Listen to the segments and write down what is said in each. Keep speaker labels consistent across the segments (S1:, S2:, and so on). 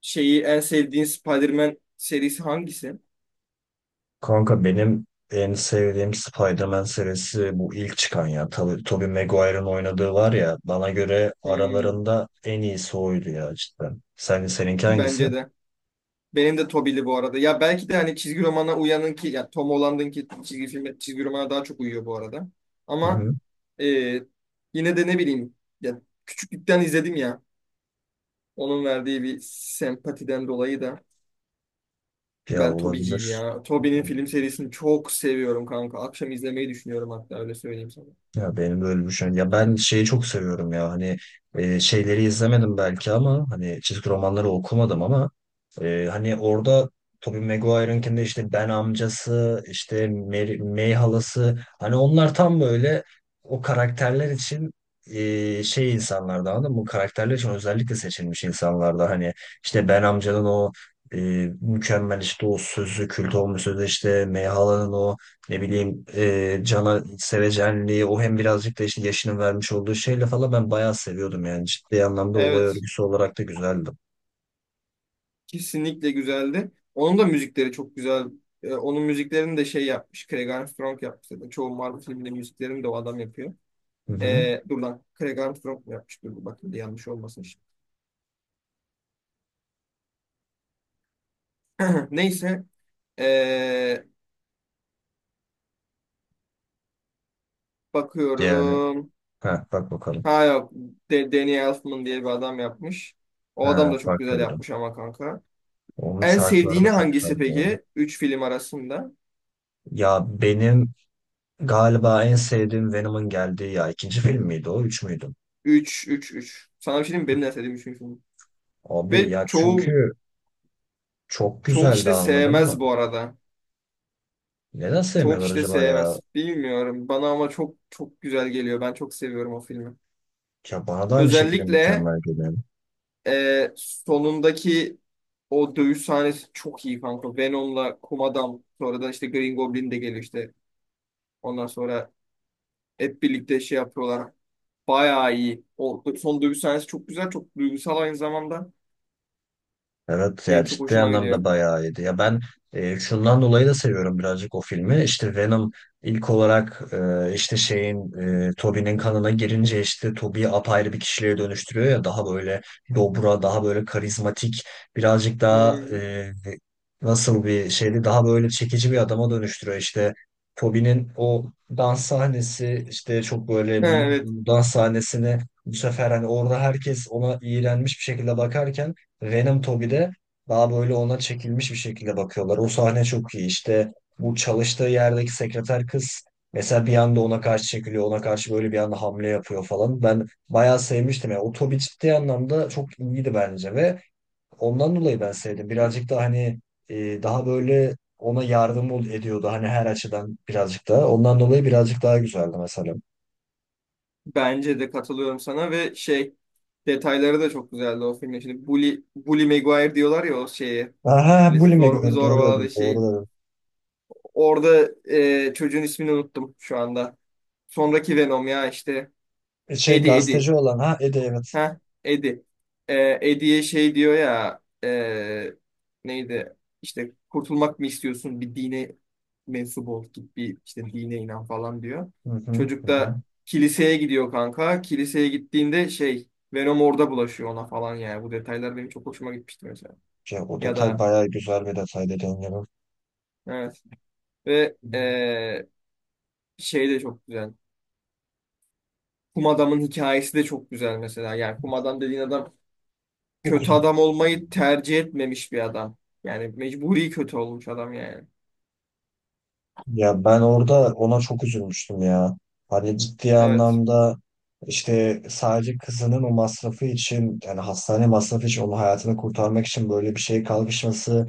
S1: En sevdiğin Spider-Man serisi hangisi?
S2: Kanka benim en sevdiğim Spider-Man serisi bu ilk çıkan ya. Tabii Tobey Maguire'ın oynadığı var ya bana göre
S1: Hmm,
S2: aralarında en iyisi oydu ya cidden. Sen, seninki hangisi?
S1: bence de. Benim de Tobey'li bu arada. Ya belki de hani çizgi romana uyanın ki ya Tom Holland'ın ki çizgi filme çizgi romana daha çok uyuyor bu arada.
S2: Hı
S1: Ama
S2: hı.
S1: e, yine de ne bileyim ya küçüklükten izledim ya. Onun verdiği bir sempatiden dolayı da
S2: Ya
S1: ben Tobey'ciyim
S2: olabilir.
S1: ya. Tobey'nin film serisini çok seviyorum kanka. Akşam izlemeyi düşünüyorum hatta öyle söyleyeyim sana.
S2: Ya benim böyle bir şey. Ya ben şeyi çok seviyorum ya hani şeyleri izlemedim belki ama hani çizgi romanları okumadım ama hani orada Tobey Maguire'ınkinde işte Ben amcası işte May halası hani onlar tam böyle o karakterler için şey insanlardı anladın mı? Bu karakterler için özellikle seçilmiş insanlardı hani işte Ben amcanın o e, mükemmel işte o sözü kült olmuş sözü işte May halanın o ne bileyim Can'a sevecenliği o hem birazcık da işte yaşının vermiş olduğu şeyle falan ben bayağı seviyordum yani. Ciddi anlamda olay
S1: Evet.
S2: örgüsü olarak da güzeldi.
S1: Kesinlikle güzeldi. Onun da müzikleri çok güzel. Onun müziklerini de şey yapmış. Craig Armstrong yapmış zaten. Çoğu Marvel filminde müziklerini de o adam yapıyor.
S2: Hı hı.
S1: Dur lan. Craig Armstrong mu yapmış? Dur bakayım da yanlış olmasın şimdi. Neyse. Ee,
S2: Yani
S1: bakıyorum.
S2: ha, bak bakalım.
S1: Ha yok. De Danny Elfman diye bir adam yapmış. O adam
S2: Ha,
S1: da çok
S2: farklı
S1: güzel
S2: biri.
S1: yapmış ama kanka.
S2: Onun
S1: En
S2: şarkıları da
S1: sevdiğini
S2: çok
S1: hangisi
S2: güzeldi, yani.
S1: peki? Üç film arasında.
S2: Ya benim galiba en sevdiğim Venom'un geldiği ya ikinci film miydi o? Üç müydü?
S1: Üç, üç, üç. Sana bir şey diyeyim mi? Benim de en sevdiğim 3 film.
S2: Abi
S1: Ve
S2: ya
S1: çoğu
S2: çünkü çok
S1: kişi
S2: güzeldi
S1: de
S2: anladın mı?
S1: sevmez bu arada.
S2: Neden
S1: Çoğu
S2: sevmiyorlar
S1: kişi de
S2: acaba ya?
S1: sevmez. Bilmiyorum. Bana ama çok çok güzel geliyor. Ben çok seviyorum o filmi.
S2: Ya bana da aynı şekilde
S1: Özellikle
S2: mükemmel geliyor.
S1: sonundaki o dövüş sahnesi çok iyi kanka. Venom'la Kum Adam. Sonradan işte Green Goblin de geliyor işte. Ondan sonra hep birlikte şey yapıyorlar. Bayağı iyi. O son dövüş sahnesi çok güzel. Çok duygusal aynı zamanda.
S2: Evet
S1: Benim
S2: yani
S1: çok
S2: ciddi
S1: hoşuma
S2: anlamda
S1: gidiyor.
S2: bayağı iyiydi. Ya ben şundan dolayı da seviyorum birazcık o filmi. İşte Venom ilk olarak işte Tobey'nin kanına girince işte Tobey'i apayrı bir kişiliğe dönüştürüyor ya daha böyle dobra, daha böyle karizmatik, birazcık daha
S1: Hmm.
S2: nasıl bir şeydi daha böyle çekici bir adama dönüştürüyor. İşte Tobey'nin o dans sahnesi işte çok böyle meme
S1: Evet.
S2: olan dans sahnesini bu sefer hani orada herkes ona iğrenmiş bir şekilde bakarken Venom Toby'de daha böyle ona çekilmiş bir şekilde bakıyorlar. O sahne çok iyi. İşte bu çalıştığı yerdeki sekreter kız mesela bir anda ona karşı çekiliyor. Ona karşı böyle bir anda hamle yapıyor falan. Ben bayağı sevmiştim. Yani o Toby ciddi anlamda çok iyiydi bence ve ondan dolayı ben sevdim. Birazcık da hani daha böyle ona yardım ediyordu. Hani her açıdan birazcık da. Ondan dolayı birazcık daha güzeldi mesela.
S1: Bence de katılıyorum sana ve şey detayları da çok güzeldi o filmin. Şimdi Bully, Bully Maguire diyorlar ya o şeyi.
S2: Aha,
S1: Milleti
S2: Bully
S1: zor,
S2: McGuire doğru dedim.
S1: zorbaladı şey.
S2: Doğru dedim.
S1: Orada çocuğun ismini unuttum şu anda. Sonraki Venom ya işte.
S2: Şey
S1: Eddie.
S2: gazeteci olan ha Eddie evet.
S1: Heh, Eddie. Ee, Eddie'ye şey diyor ya neydi? İşte kurtulmak mı istiyorsun? Bir dine mensup ol. Git bir işte dine inan falan diyor.
S2: Hı hı,
S1: Çocuk
S2: hı hı.
S1: da kiliseye gidiyor kanka. Kiliseye gittiğinde şey Venom orada bulaşıyor ona falan yani. Bu detaylar benim çok hoşuma gitmişti mesela.
S2: Ya o
S1: Ya
S2: detay
S1: da
S2: bayağı güzel bir detay dediğin gibi.
S1: evet ve şey de çok güzel. Kum adamın hikayesi de çok güzel mesela. Yani kum adam dediğin adam
S2: Çok
S1: kötü adam olmayı tercih etmemiş bir adam. Yani mecburi kötü olmuş adam yani.
S2: Ya ben orada ona çok üzülmüştüm ya. Hani ciddi
S1: Evet.
S2: anlamda işte sadece kızının o masrafı için yani hastane masrafı için onun hayatını kurtarmak için böyle bir şey kalkışması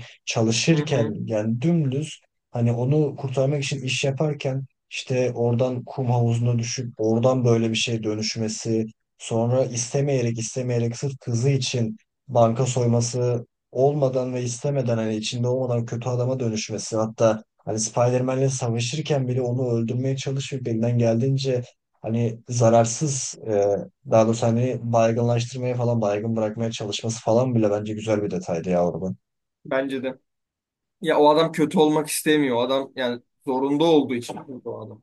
S1: Hı
S2: çalışırken
S1: hı.
S2: yani dümdüz hani onu kurtarmak için iş yaparken işte oradan kum havuzuna düşüp oradan böyle bir şey dönüşmesi sonra istemeyerek istemeyerek sırf kızı için banka soyması olmadan ve istemeden hani içinde olmadan kötü adama dönüşmesi hatta hani Spider-Man'le savaşırken bile onu öldürmeye çalışıyor. Elinden geldiğince hani zararsız daha doğrusu hani baygınlaştırmaya falan baygın bırakmaya çalışması falan bile bence güzel bir detaydı ya oradan.
S1: Bence de. Ya o adam kötü olmak istemiyor. O adam yani zorunda olduğu için kötü o adam.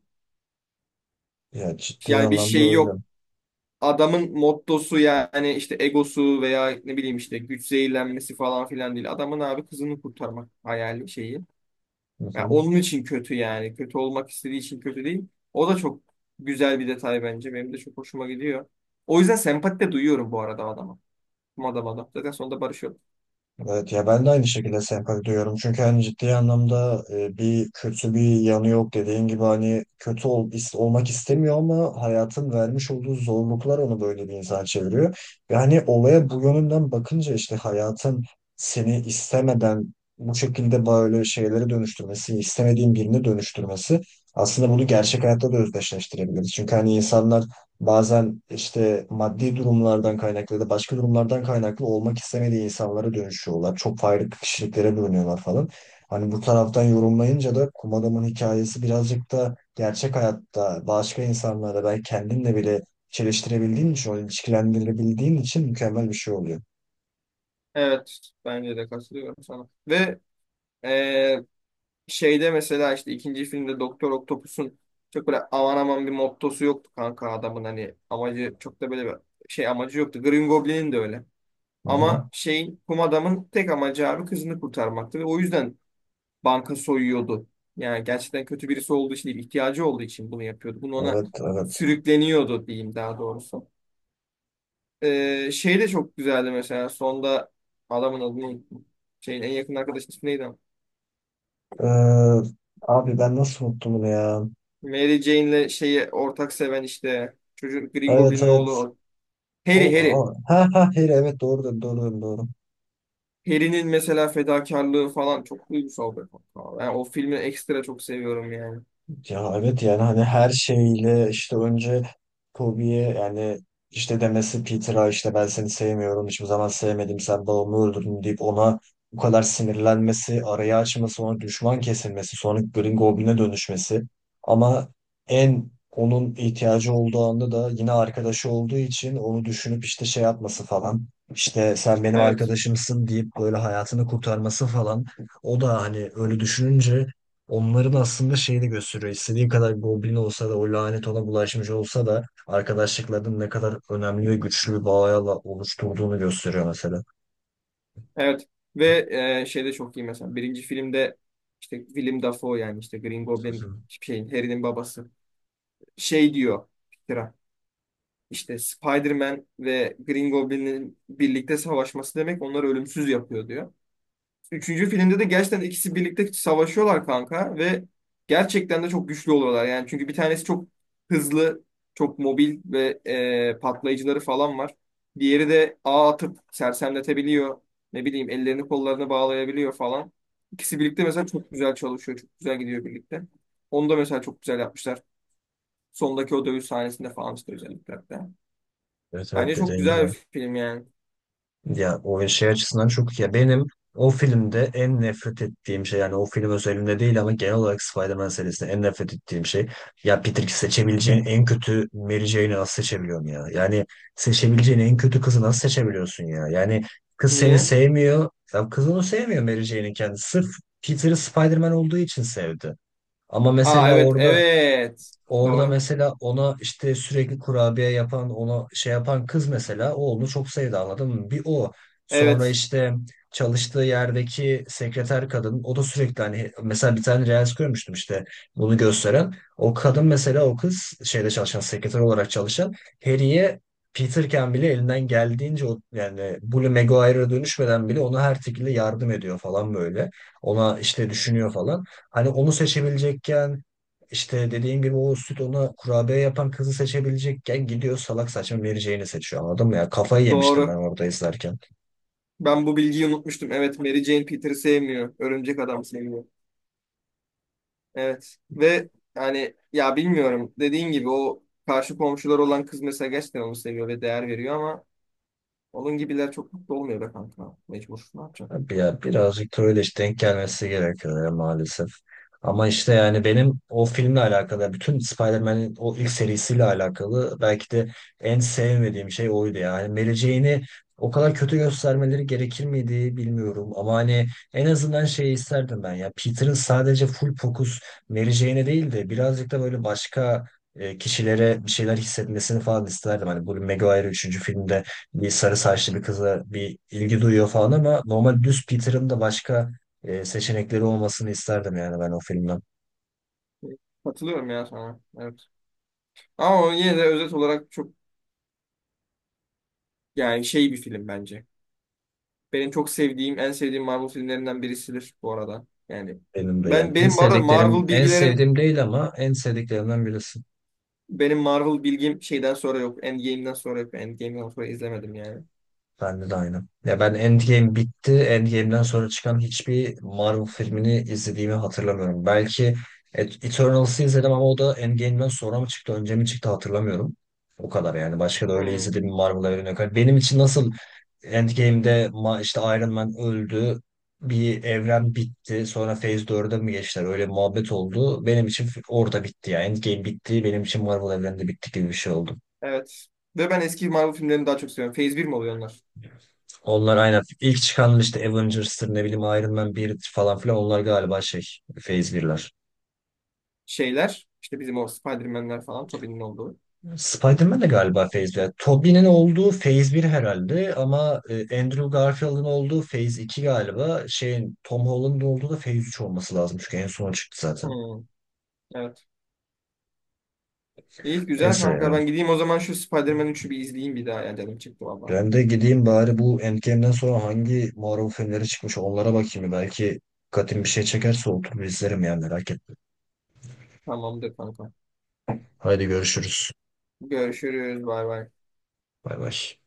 S2: Ya ciddi
S1: Yani bir
S2: anlamda
S1: şey
S2: öyle.
S1: yok. Adamın mottosu yani işte egosu veya ne bileyim işte güç zehirlenmesi falan filan değil. Adamın abi kızını kurtarmak hayali şeyi.
S2: Hı
S1: Ya
S2: hı.
S1: onun için kötü yani. Kötü olmak istediği için kötü değil. O da çok güzel bir detay bence. Benim de çok hoşuma gidiyor. O yüzden sempati de duyuyorum bu arada adama. Mada mada. Zaten sonunda barışıyor.
S2: Evet ya ben de aynı şekilde sempati duyuyorum. Çünkü hani ciddi anlamda bir kötü bir yanı yok dediğin gibi hani kötü olmak istemiyor ama hayatın vermiş olduğu zorluklar onu böyle bir insan çeviriyor. Yani olaya bu yönünden bakınca işte hayatın seni istemeden bu şekilde böyle şeylere dönüştürmesi, istemediğin birini dönüştürmesi aslında bunu gerçek hayatta da özdeşleştirebiliriz. Çünkü hani insanlar bazen işte maddi durumlardan kaynaklı ya da başka durumlardan kaynaklı olmak istemediği insanlara dönüşüyorlar. Çok farklı kişiliklere bölünüyorlar falan. Hani bu taraftan yorumlayınca da kum adamın hikayesi birazcık da gerçek hayatta başka insanlara belki kendinle bile çeliştirebildiğin için, onu ilişkilendirilebildiğin için mükemmel bir şey oluyor.
S1: Evet. Bence de katılıyorum sana. Ve e, şeyde mesela işte ikinci filmde Doktor Octopus'un çok böyle aman aman bir mottosu yoktu kanka adamın hani amacı çok da böyle bir şey amacı yoktu. Green Goblin'in de öyle.
S2: Hı hı.
S1: Ama şeyin kum adamın tek amacı abi kızını kurtarmaktı ve o yüzden banka soyuyordu. Yani gerçekten kötü birisi olduğu için değil, ihtiyacı olduğu için bunu yapıyordu. Bunu ona
S2: Evet, evet.
S1: sürükleniyordu diyeyim daha doğrusu. Şey de çok güzeldi mesela. Sonda adamın adını unuttum. Şeyin en yakın arkadaşın ismi neydi ama?
S2: Ee, abi ben nasıl unuttum bunu ya?
S1: Mary Jane'le şeyi ortak seven işte çocuk Green
S2: Evet,
S1: Goblin'in oğlu
S2: evet.
S1: o.
S2: O,
S1: Harry.
S2: o- ha ha hayır, evet doğru dedim, doğru dedim, doğru.
S1: Harry'nin mesela fedakarlığı falan çok duygusal bir konu. Yani o filmi ekstra çok seviyorum yani.
S2: Ya evet yani hani her şeyle işte önce Toby'ye yani işte demesi Peter'a işte ben seni sevmiyorum hiçbir zaman sevmedim sen babamı öldürdün deyip ona bu kadar sinirlenmesi, arayı açması, ona düşman kesilmesi, sonra Green Goblin'e dönüşmesi. Ama en onun ihtiyacı olduğu anda da yine arkadaşı olduğu için onu düşünüp işte şey yapması falan. İşte sen benim
S1: Evet.
S2: arkadaşımsın deyip böyle hayatını kurtarması falan. O da hani öyle düşününce onların aslında şeyini gösteriyor. İstediği kadar goblin olsa da o lanet ona bulaşmış olsa da arkadaşlıklarının ne kadar önemli ve güçlü bir bağla oluşturduğunu gösteriyor mesela.
S1: Evet. Ve şey de çok iyi mesela. Birinci filmde işte Willem Dafoe yani işte Green
S2: Hı
S1: Goblin
S2: hı.
S1: şeyin Harry'nin babası. Şey diyor. İşte Spider-Man ve Green Goblin'in birlikte savaşması demek onları ölümsüz yapıyor diyor. Üçüncü filmde de gerçekten ikisi birlikte savaşıyorlar kanka ve gerçekten de çok güçlü oluyorlar. Yani çünkü bir tanesi çok hızlı, çok mobil ve patlayıcıları falan var. Diğeri de ağ atıp sersemletebiliyor. Ne bileyim ellerini kollarını bağlayabiliyor falan. İkisi birlikte mesela çok güzel çalışıyor. Çok güzel gidiyor birlikte. Onu da mesela çok güzel yapmışlar. Sondaki o dövüş sahnesinde falan işte özellikle.
S2: Evet evet
S1: Bence çok
S2: dediğin
S1: güzel
S2: gibi.
S1: bir film yani.
S2: Ya o şey açısından çok iyi. Ya benim o filmde en nefret ettiğim şey yani o film özelinde değil ama genel olarak Spider-Man serisinde en nefret ettiğim şey ya Peter seçebileceğin en kötü Mary Jane'i nasıl seçebiliyorsun ya? Yani seçebileceğin en kötü kızı nasıl seçebiliyorsun ya? Yani kız seni
S1: Niye?
S2: sevmiyor. Ya kız onu sevmiyor Mary Jane'in kendisi. Sırf Peter'ı Spider-Man olduğu için sevdi. Ama
S1: Aa
S2: mesela
S1: evet
S2: orada
S1: evet.
S2: Orada
S1: Doğru.
S2: mesela ona işte sürekli kurabiye yapan, ona şey yapan kız mesela o onu çok sevdi anladın mı? Bir o. Sonra
S1: Evet
S2: işte çalıştığı yerdeki sekreter kadın o da sürekli hani mesela bir tane reels görmüştüm işte bunu gösteren. O kadın mesela o kız şeyde çalışan sekreter olarak çalışan Harry'e Peterken bile elinden geldiğince o yani Bully Maguire'a dönüşmeden bile ona her şekilde yardım ediyor falan böyle. Ona işte düşünüyor falan. Hani onu seçebilecekken işte dediğim gibi o süt ona kurabiye yapan kızı seçebilecekken gidiyor salak saçma vereceğini seçiyor anladın mı ya? Kafayı yemiştim ben
S1: doğru.
S2: orada izlerken.
S1: Ben bu bilgiyi unutmuştum. Evet Mary Jane Peter'ı sevmiyor. Örümcek Adam seviyor. Evet. Ve yani ya bilmiyorum. Dediğin gibi o karşı komşular olan kız mesela gerçekten onu seviyor ve değer veriyor ama onun gibiler çok mutlu olmuyor be kanka. Mecbur. Ne yapacaksın?
S2: Abi, ya birazcık da öyle işte denk gelmesi gerekiyor ya maalesef. Ama işte yani benim o filmle alakalı, bütün Spider-Man'in o ilk serisiyle alakalı belki de en sevmediğim şey oydu ya. Yani Mary Jane'i o kadar kötü göstermeleri gerekir miydi bilmiyorum. Ama hani en azından şey isterdim ben ya. Peter'ın sadece full fokus Mary Jane'e değil de birazcık da böyle başka kişilere bir şeyler hissetmesini falan isterdim. Hani Bully Maguire üçüncü filmde bir sarı saçlı bir kıza bir ilgi duyuyor falan ama normal düz Peter'ın da başka seçenekleri olmasını isterdim yani ben o filmden.
S1: Evet. Katılıyorum ya sana. Evet. Ama o yine de özet olarak çok yani şey bir film bence. Benim çok sevdiğim, en sevdiğim Marvel filmlerinden birisidir bu arada. Yani
S2: Benim de yani. En
S1: benim bu arada
S2: sevdiklerim,
S1: Marvel
S2: en
S1: bilgilerim,
S2: sevdiğim değil ama en sevdiklerimden birisi.
S1: benim Marvel bilgim şeyden sonra yok. Endgame'den sonra yok. Endgame'den sonra izlemedim yani.
S2: Bende de aynı. Ya ben Endgame bitti. Endgame'den sonra çıkan hiçbir Marvel filmini izlediğimi hatırlamıyorum. Belki Eternals'ı izledim ama o da Endgame'den sonra mı çıktı, önce mi çıktı hatırlamıyorum. O kadar yani. Başka da öyle
S1: Hmm,
S2: izlediğim Marvel evreni yok. Hani benim için nasıl Endgame'de işte Iron Man öldü, bir evren bitti, sonra Phase 4'e mi geçtiler? Öyle muhabbet oldu. Benim için orada bitti ya. Endgame bitti, benim için Marvel evreni de bitti gibi bir şey oldu.
S1: evet. Ve ben eski Marvel filmlerini daha çok seviyorum. Phase bir mi oluyor onlar?
S2: Onlar aynen. ilk çıkan işte Avengers'tır ne bileyim Iron Man 1 falan filan onlar galiba şey Phase birler.
S1: Şeyler, işte bizim o Spider-Man'ler falan, Tobey'nin olduğu.
S2: Spider-Man de galiba Phase bir. Tobey'nin olduğu Phase bir herhalde ama Andrew Garfield'ın olduğu Phase iki galiba. Şeyin Tom Holland'ın olduğu da Phase üç olması lazım çünkü en son çıktı zaten.
S1: Hmm, evet. İyi güzel
S2: Neyse
S1: kanka.
S2: ya.
S1: Ben gideyim o zaman şu Spider-Man 3'ü bir izleyeyim bir daha. Yani canım çıktı valla.
S2: Ben de gideyim bari bu Endgame'den sonra hangi Marvel filmleri çıkmış onlara bakayım. Belki katim bir şey çekerse oturup izlerim yani merak etme.
S1: Tamamdır kanka.
S2: Haydi görüşürüz.
S1: Görüşürüz. Bay bay.
S2: Bay bay.